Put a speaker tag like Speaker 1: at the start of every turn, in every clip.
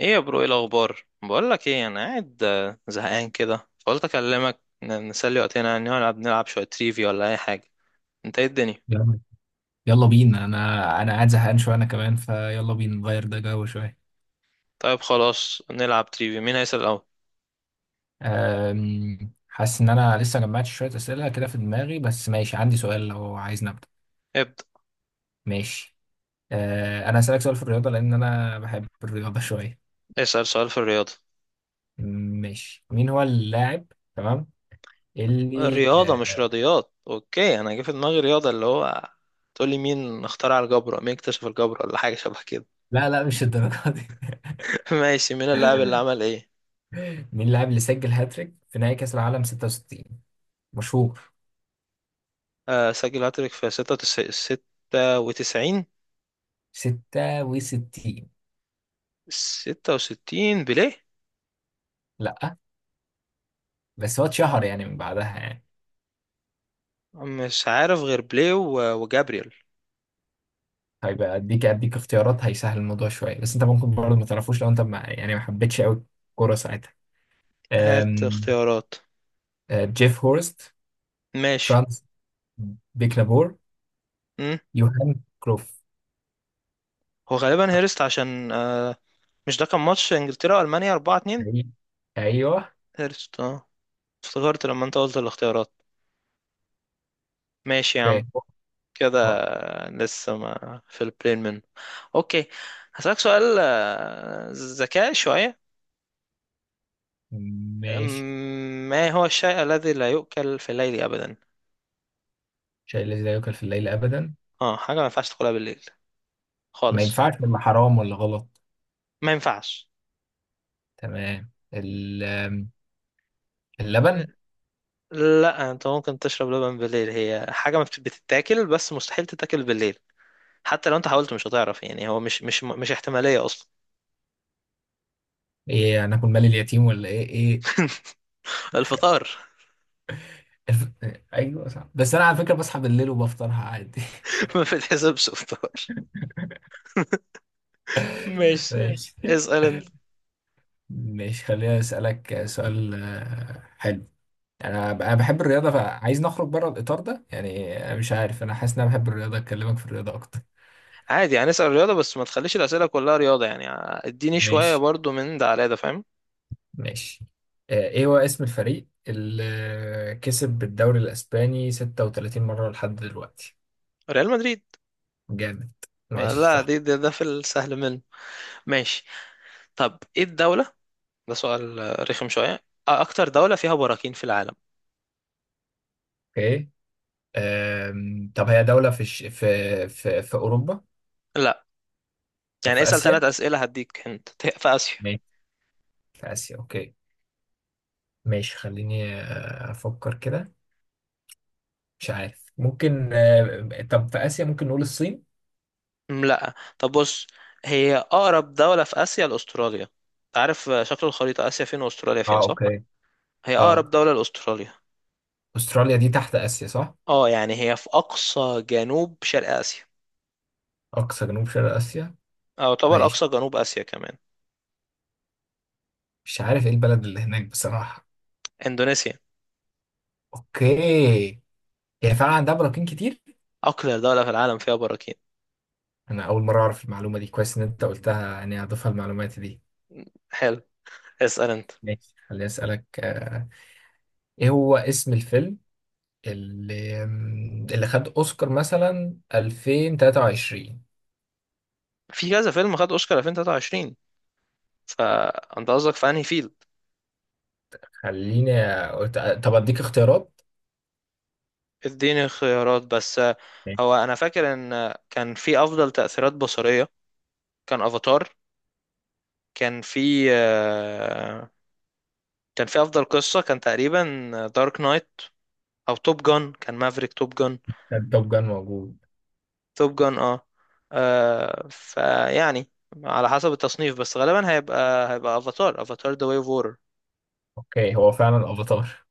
Speaker 1: ايه يا برو؟ ايه الاخبار؟ بقول لك ايه، انا قاعد زهقان كده فقلت اكلمك نسلي وقتنا، يعني نلعب شويه تريفي ولا اي حاجه. انت، ايه الدنيا؟
Speaker 2: يلا يلا بينا انا قاعد زهقان شويه. انا كمان فيلا بينا نغير ده جو شويه.
Speaker 1: طيب، خلاص نلعب تريفي. مين هيسال الاول؟
Speaker 2: حاسس ان انا لسه جمعت شويه اسئله كده في دماغي، بس ماشي، عندي سؤال لو عايز نبدا.
Speaker 1: ابدا.
Speaker 2: ماشي، انا هسالك سؤال في الرياضه، لان انا بحب الرياضه شويه.
Speaker 1: اسال سؤال في الرياضه.
Speaker 2: ماشي، مين هو اللاعب؟ تمام، اللي
Speaker 1: الرياضه مش
Speaker 2: أه،
Speaker 1: رياضيات. اوكي، انا جه في دماغي رياضه اللي هو تقول لي مين اخترع الجبر، أو مين اكتشف الجبر، ولا حاجه شبه كده.
Speaker 2: لا لا، مش الدرجه دي.
Speaker 1: ماشي، مين اللاعب اللي عمل ايه؟
Speaker 2: مين اللاعب اللي سجل هاتريك في نهائي كاس العالم 66؟ مشهور.
Speaker 1: آه سجل هاتريك في 96. 96.
Speaker 2: 66.
Speaker 1: 66، بيليه؟
Speaker 2: لا. بس هو اتشهر يعني من بعدها يعني.
Speaker 1: مش عارف غير بلاي وجابريل.
Speaker 2: طيب اديك اختيارات هيسهل الموضوع شويه، بس انت ممكن برضه ما تعرفوش لو انت ما حبيتش قوي الكوره ساعتها.
Speaker 1: هات
Speaker 2: أم،
Speaker 1: اختيارات.
Speaker 2: جيف هورست،
Speaker 1: ماشي.
Speaker 2: فرانس بيكنابور،
Speaker 1: امم
Speaker 2: يوهان كروف.
Speaker 1: هو غالبا هيرست، عشان مش ده كان ماتش انجلترا والمانيا 4-2؟
Speaker 2: أي- ايوه.
Speaker 1: هيرست، اه، افتكرت لما انت قلت الاختيارات. ماشي يا عم،
Speaker 2: اوكي.
Speaker 1: كده.
Speaker 2: أه،
Speaker 1: لسه ما في البلين منه. اوكي. هسألك سؤال ذكاء شوية. أم،
Speaker 2: ماشي.
Speaker 1: ما هو الشيء الذي لا يؤكل في الليل أبدا؟
Speaker 2: شيء الذي لا يؤكل في الليل ابدا؟
Speaker 1: اه، حاجة ما ينفعش تاكلها بالليل
Speaker 2: ما
Speaker 1: خالص.
Speaker 2: ينفعش ولا حرام ولا غلط؟
Speaker 1: ما ينفعش.
Speaker 2: تمام. ال- أم، اللبن.
Speaker 1: لا، انت ممكن تشرب لبن بالليل. هي حاجة ما بتتاكل، بس مستحيل تتاكل بالليل. حتى لو انت حاولت مش هتعرف، يعني هو مش احتمالية اصلا.
Speaker 2: ايه، هناكل مال اليتيم ولا ايه ايه؟
Speaker 1: الفطار.
Speaker 2: الف... ايوه صح، بس انا على فكره بصحى بالليل وبفطرها عادي.
Speaker 1: ما بتحسبش فطار. ماشي،
Speaker 2: ماشي.
Speaker 1: اسأل انت.
Speaker 2: مش خليني أسألك سؤال حلو. أنا بحب الرياضة، فعايز نخرج بره الإطار ده يعني. أنا مش عارف، أنا حاسس إن أنا بحب الرياضة، أكلمك في الرياضة أكتر.
Speaker 1: عادي، يعني اسأل رياضة، بس ما تخليش الأسئلة كلها رياضة يعني. اديني شوية
Speaker 2: ماشي.
Speaker 1: برضو من ده على ده. فاهم؟
Speaker 2: ماشي. إيه هو اسم الفريق اللي كسب بالدوري الأسباني 36 مرة لحد دلوقتي؟
Speaker 1: ريال مدريد.
Speaker 2: جامد. ماشي،
Speaker 1: لا،
Speaker 2: صح.
Speaker 1: دي ده في السهل منه. ماشي. طب ايه الدولة؟ ده سؤال رخم شوية. أكتر دولة فيها براكين في العالم؟
Speaker 2: أوكي. طب هي دولة في الش... في في في أوروبا؟
Speaker 1: لا.
Speaker 2: طب
Speaker 1: يعني
Speaker 2: في
Speaker 1: اسأل
Speaker 2: آسيا؟
Speaker 1: ثلاث أسئلة هديك انت. في آسيا.
Speaker 2: ماشي، في آسيا. أوكي، ماشي. خليني أفكر كده. مش عارف. ممكن طب في آسيا، ممكن نقول الصين.
Speaker 1: لا، طب بص. هي اقرب دولة في اسيا لاستراليا. انت عارف شكل الخريطة، اسيا فين واستراليا فين،
Speaker 2: اه،
Speaker 1: صح؟
Speaker 2: اوكي.
Speaker 1: هي
Speaker 2: اه،
Speaker 1: اقرب دولة لاستراليا.
Speaker 2: استراليا دي تحت اسيا صح؟
Speaker 1: اه، يعني هي في اقصى جنوب شرق اسيا.
Speaker 2: اقصى جنوب شرق اسيا.
Speaker 1: او يعتبر
Speaker 2: ماشي.
Speaker 1: اقصى جنوب اسيا كمان.
Speaker 2: مش عارف ايه البلد اللي هناك بصراحه.
Speaker 1: اندونيسيا.
Speaker 2: اوكي. هي فعلا عندها براكين كتير؟
Speaker 1: اقلى دولة في العالم فيها براكين.
Speaker 2: انا اول مره اعرف المعلومه دي. كويس ان انت قلتها، يعني هضيفها المعلومات دي.
Speaker 1: حلو، اسأل انت.
Speaker 2: ماشي، خليني اسالك ايه هو اسم الفيلم اللي خد اوسكار مثلا 2023؟
Speaker 1: في كذا فيلم خد اوسكار 2023، فانت قصدك في انهي فيلد؟
Speaker 2: خليني أقول- طب اديك اختيارات.
Speaker 1: اديني خيارات بس، هو
Speaker 2: ماشي.
Speaker 1: انا فاكر ان كان في افضل تأثيرات بصرية، كان افاتار. كان في كان في افضل قصه كان تقريبا دارك نايت. او توب جان، كان مافريك توب جان.
Speaker 2: كان توب جان موجود.
Speaker 1: توب جان، اه، فيعني على حسب التصنيف، بس غالبا هيبقى افاتار. افاتار ذا واي اوف وورر.
Speaker 2: اوكي، هو فعلا افاتار.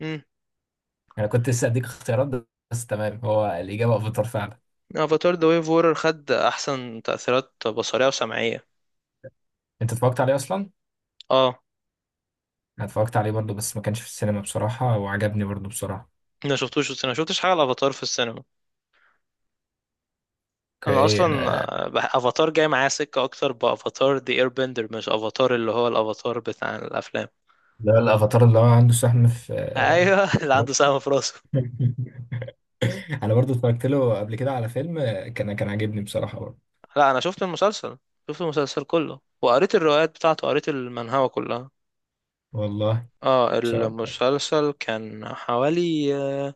Speaker 1: امم
Speaker 2: انا كنت لسه اديك اختيارات، بس تمام، هو الاجابه افاتار فعلا.
Speaker 1: افاتار ذا واي اوف وورر خد احسن تاثيرات بصريه وسمعيه.
Speaker 2: انت اتفرجت عليه اصلا؟
Speaker 1: اه،
Speaker 2: انا اتفرجت عليه برضو، بس ما كانش في السينما بصراحه، وعجبني برضو بصراحه.
Speaker 1: ما شفتوش في السينما، ما شفتش حاجه الافاتار في السينما. انا
Speaker 2: اوكي.
Speaker 1: اصلا
Speaker 2: انا
Speaker 1: افاتار جاي معايا سكه اكتر بافاتار ذا اير بندر، مش افاتار اللي هو الافاتار بتاع الافلام.
Speaker 2: ده الافاتار اللي هو عنده سهم في
Speaker 1: ايوه، اللي
Speaker 2: في
Speaker 1: عنده
Speaker 2: راسه.
Speaker 1: سهم في راسه.
Speaker 2: انا برضو اتفرجت له قبل كده على فيلم، كان عاجبني بصراحه برضو.
Speaker 1: لا، انا شفت المسلسل، شفت المسلسل كله وقريت الروايات بتاعته، قريت المانهوا كلها.
Speaker 2: والله ان
Speaker 1: اه
Speaker 2: شاء الله.
Speaker 1: المسلسل كان حوالي،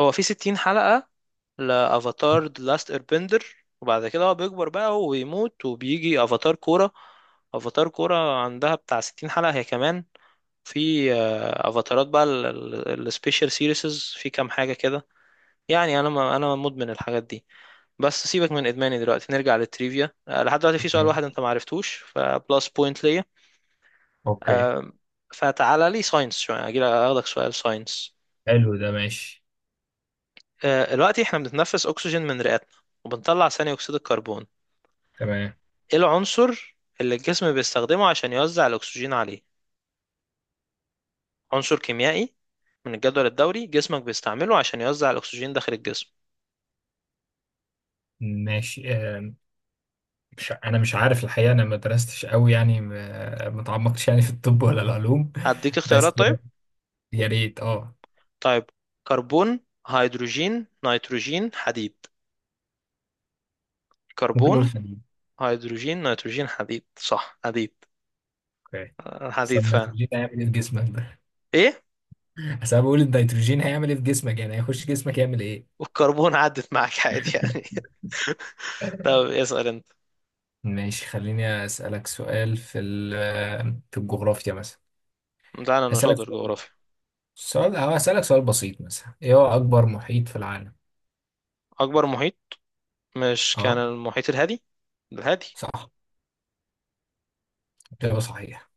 Speaker 1: هو في 60 حلقة لأفاتار The Last Airbender. وبعد كده هو بيكبر بقى ويموت، وبيجي أفاتار كورة. أفاتار كورة عندها بتاع 60 حلقة هي كمان. في أفاتارات بقى السبيشال سيريسز في كام حاجة كده. يعني أنا، ما أنا مدمن الحاجات دي. بس سيبك من ادماني دلوقتي، نرجع للتريفيا. لحد دلوقتي في سؤال واحد
Speaker 2: ماشي.
Speaker 1: انت ما عرفتوش، فبلس بوينت ليا.
Speaker 2: اوكي.
Speaker 1: آه، فتعالى لي ساينس شويه اجي اخدك سؤال ساينس.
Speaker 2: حلو ده، ماشي.
Speaker 1: دلوقتي احنا بنتنفس اكسجين من رئتنا، وبنطلع ثاني اكسيد الكربون.
Speaker 2: تمام.
Speaker 1: ايه العنصر اللي الجسم بيستخدمه عشان يوزع الاكسجين عليه؟ عنصر كيميائي من الجدول الدوري جسمك بيستعمله عشان يوزع الاكسجين داخل الجسم.
Speaker 2: ماشي. مش انا مش عارف الحقيقه. انا ما درستش قوي يعني، ما تعمقتش يعني في الطب ولا العلوم.
Speaker 1: هديك
Speaker 2: بس
Speaker 1: اختيارات طيب.
Speaker 2: يا ريت اه.
Speaker 1: طيب، كربون، هيدروجين، نيتروجين، حديد.
Speaker 2: ممكن نقول
Speaker 1: كربون،
Speaker 2: حديد.
Speaker 1: هيدروجين، نيتروجين، حديد. صح، حديد.
Speaker 2: اوكي. بس
Speaker 1: حديد فعلا.
Speaker 2: النيتروجين هيعمل ايه في جسمك ده؟
Speaker 1: ايه،
Speaker 2: بس انا بقول، النيتروجين هيعمل ايه في جسمك يعني؟ هيخش جسمك يعمل ايه؟
Speaker 1: والكربون عدت معاك عادي يعني. طب اسأل انت.
Speaker 2: ماشي. خليني اسالك سؤال في الجغرافيا مثلا.
Speaker 1: تعالى، انا
Speaker 2: هسالك
Speaker 1: شاطر
Speaker 2: سؤال.
Speaker 1: جغرافيا.
Speaker 2: سؤال- أو هسالك سؤال بسيط مثلا: ايه هو اكبر محيط في العالم؟
Speaker 1: اكبر محيط، مش كان
Speaker 2: اه،
Speaker 1: المحيط الهادي؟ الهادي.
Speaker 2: صح. اجابه صحيحه.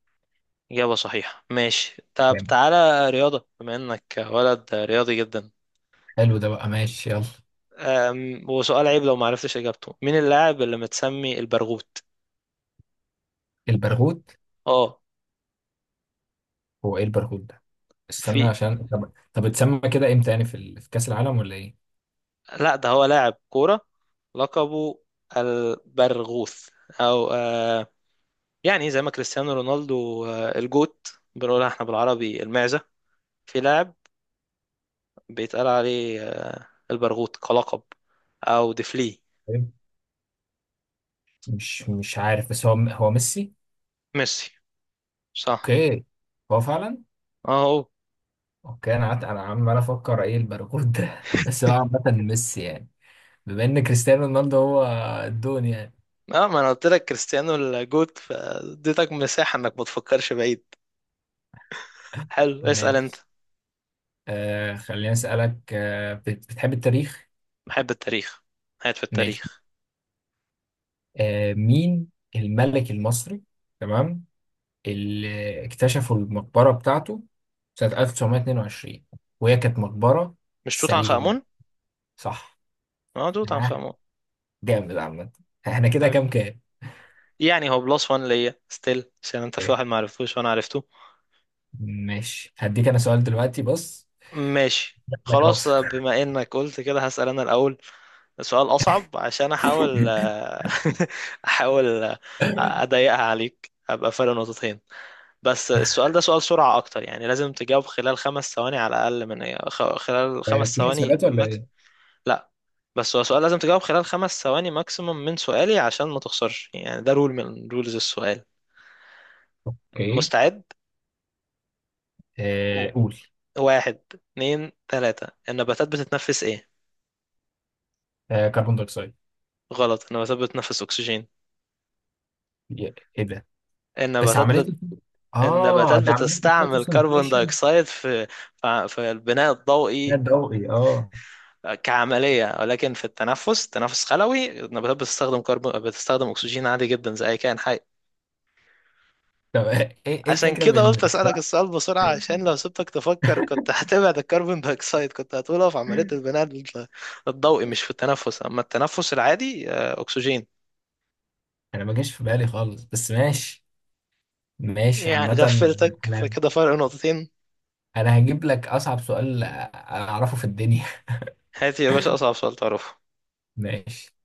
Speaker 1: إجابة صحيحة. ماشي، طب
Speaker 2: جامد.
Speaker 1: تعالى رياضة، بما إنك ولد رياضي جدا.
Speaker 2: حلو ده بقى، ماشي، يلا.
Speaker 1: وسؤال عيب لو معرفتش إجابته، مين اللاعب اللي متسمي البرغوت؟
Speaker 2: البرغوث؟
Speaker 1: اه.
Speaker 2: هو ايه البرغوث ده؟ استنى
Speaker 1: في،
Speaker 2: عشان. طب اتسمى كده امتى يعني، في كأس العالم ولا ايه؟
Speaker 1: لا ده هو لاعب كورة، لقبه البرغوث، أو يعني زي ما كريستيانو رونالدو، الجوت بنقولها احنا بالعربي المعزة. في لاعب بيتقال عليه، البرغوت كلقب، او ديفلي.
Speaker 2: طيب. مش عارف، بس هو هو ميسي.
Speaker 1: ميسي، صح،
Speaker 2: اوكي. هو فعلا.
Speaker 1: اهو.
Speaker 2: اوكي، انا قعدت انا عمال افكر ايه الباركود ده. بس هو عامة ميسي يعني، بما ان كريستيانو رونالدو هو الدون يعني.
Speaker 1: اه، ما انا قلت لك كريستيانو الجوت، فاديتك مساحة انك ما تفكرش بعيد. حلو، اسأل انت.
Speaker 2: ماشي. آه، خليني اسالك آه، بتحب التاريخ؟
Speaker 1: بحب التاريخ، قاعد في
Speaker 2: ماشي.
Speaker 1: التاريخ.
Speaker 2: آه، مين الملك المصري، تمام، اللي اكتشفوا المقبرة بتاعته سنة 1922 وهي كانت مقبرة
Speaker 1: مش توت عنخ
Speaker 2: سليمة؟
Speaker 1: آمون؟
Speaker 2: صح.
Speaker 1: اه، توت عنخ
Speaker 2: ها،
Speaker 1: آمون.
Speaker 2: جامد عامة. احنا كده
Speaker 1: حبيبي.
Speaker 2: كام كام؟
Speaker 1: يعني هو بلس وان ليا ستيل، عشان انت في
Speaker 2: أوكي.
Speaker 1: واحد ما عرفتوش وانا عرفته.
Speaker 2: ماشي. هديك انا سؤال دلوقتي، بص.
Speaker 1: ماشي
Speaker 2: لك
Speaker 1: خلاص،
Speaker 2: راسك.
Speaker 1: بما انك قلت كده هسأل انا الاول. سؤال أصعب عشان أحاول آه، أحاول أضيقها عليك أبقى فرق نقطتين. بس السؤال ده سؤال سرعة أكتر، يعني لازم تجاوب خلال 5 ثواني على الأقل، من خلال خمس
Speaker 2: في
Speaker 1: ثواني
Speaker 2: حسابات ولا
Speaker 1: ماكس.
Speaker 2: ايه؟
Speaker 1: لا، بس هو سؤال لازم تجاوب خلال خمس ثواني ماكسيموم من سؤالي عشان ما تخسرش، يعني ده رول من رولز السؤال.
Speaker 2: اوكي.
Speaker 1: مستعد. و-
Speaker 2: قول.
Speaker 1: واحد اتنين تلاتة، النباتات بتتنفس إيه؟
Speaker 2: كربون دايوكسيد.
Speaker 1: غلط، النباتات بتتنفس أكسجين.
Speaker 2: ايه ده؟ بس عملية
Speaker 1: النباتات النباتات
Speaker 2: ده عملية
Speaker 1: بتستعمل كربون
Speaker 2: الفوتوسنتيشن.
Speaker 1: دايوكسيد في البناء
Speaker 2: ده
Speaker 1: الضوئي
Speaker 2: ضوئي اه.
Speaker 1: كعملية، ولكن في التنفس، تنفس خلوي، النباتات بتستخدم أكسجين عادي جدا زي أي كائن حي.
Speaker 2: طب ايه، إيه
Speaker 1: عشان
Speaker 2: الفكرة
Speaker 1: كده قلت
Speaker 2: بان؟
Speaker 1: أسألك السؤال بسرعة عشان لو سبتك تفكر كنت هتبعد الكربون دايوكسيد، كنت هتقوله في عملية البناء الضوئي، مش في التنفس. أما التنفس العادي أكسجين.
Speaker 2: انا ما جاش في بالي خالص، بس ماشي. ماشي
Speaker 1: يعني
Speaker 2: عامة.
Speaker 1: غفلتك،
Speaker 2: أنا
Speaker 1: فكده فرق نقطتين.
Speaker 2: أنا هجيب لك أصعب سؤال أعرفه في الدنيا.
Speaker 1: هاتي يا باشا أصعب سؤال تعرفه.
Speaker 2: ماشي.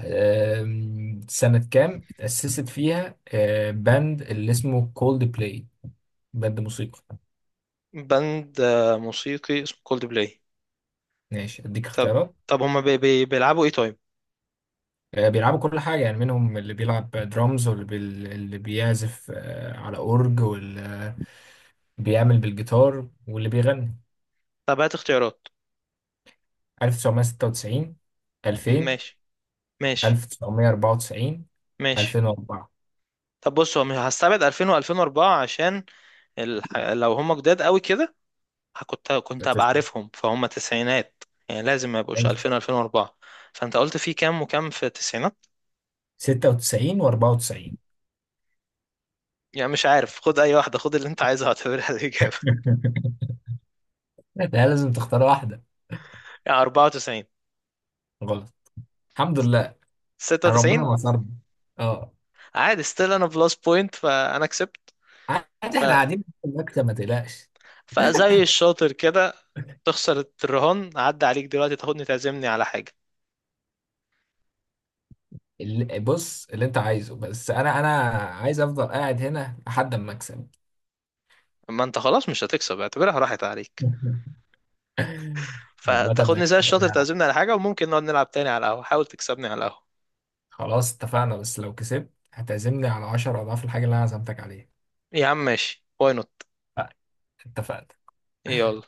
Speaker 2: سنة كام اتأسست فيها باند اللي اسمه كولد بلاي؟ باند موسيقى.
Speaker 1: بند موسيقي اسمه كولد بلاي.
Speaker 2: ماشي، أديك
Speaker 1: طب
Speaker 2: اختيارات.
Speaker 1: طب هما بي بي بيلعبوا ايه طيب؟
Speaker 2: بيلعبوا كل حاجة يعني. منهم اللي بيلعب درامز، اللي بيعزف على أورج، واللي بيعمل بالجيتار، واللي بيغني.
Speaker 1: طب هات اختيارات.
Speaker 2: 1996، 2000،
Speaker 1: ماشي. ماشي.
Speaker 2: 1994،
Speaker 1: ماشي.
Speaker 2: 2004.
Speaker 1: طب بص، هو مش هستبعد 2000 و2004 عشان لو هما جداد قوي كده، كنت هبقى عارفهم، فهم تسعينات. يعني لازم ما يبقوش 2000 و2004. فانت قلت في كام وكام في التسعينات؟
Speaker 2: 96 و94.
Speaker 1: يعني مش عارف، خد اي واحده، خد اللي انت عايزها اعتبرها الاجابه.
Speaker 2: لا، لازم تختار واحدة.
Speaker 1: يعني 94.
Speaker 2: غلط. الحمد لله، أنا ربنا
Speaker 1: 96.
Speaker 2: نصرنا. اه،
Speaker 1: عادي، ستيل انا بلس بوينت فانا كسبت.
Speaker 2: عادي، احنا قاعدين في المكتب، ما تقلقش.
Speaker 1: فزي الشاطر كده، تخسر الرهان عدى عليك دلوقتي تاخدني تعزمني على حاجة.
Speaker 2: بص، اللي انت عايزه، بس انا عايز افضل قاعد هنا لحد ما اكسب.
Speaker 1: ما انت خلاص مش هتكسب، اعتبرها راحت عليك.
Speaker 2: عامة
Speaker 1: فتاخدني زي
Speaker 2: ماشي.
Speaker 1: الشاطر
Speaker 2: انا
Speaker 1: تعزمني على حاجة، وممكن نقعد نلعب تاني على القهوة، حاول تكسبني على القهوة.
Speaker 2: خلاص اتفقنا، بس لو كسبت هتعزمني على 10 اضعاف الحاجة اللي انا عزمتك عليها.
Speaker 1: يا عم ماشي، واي نوت.
Speaker 2: اتفقنا.
Speaker 1: يلا.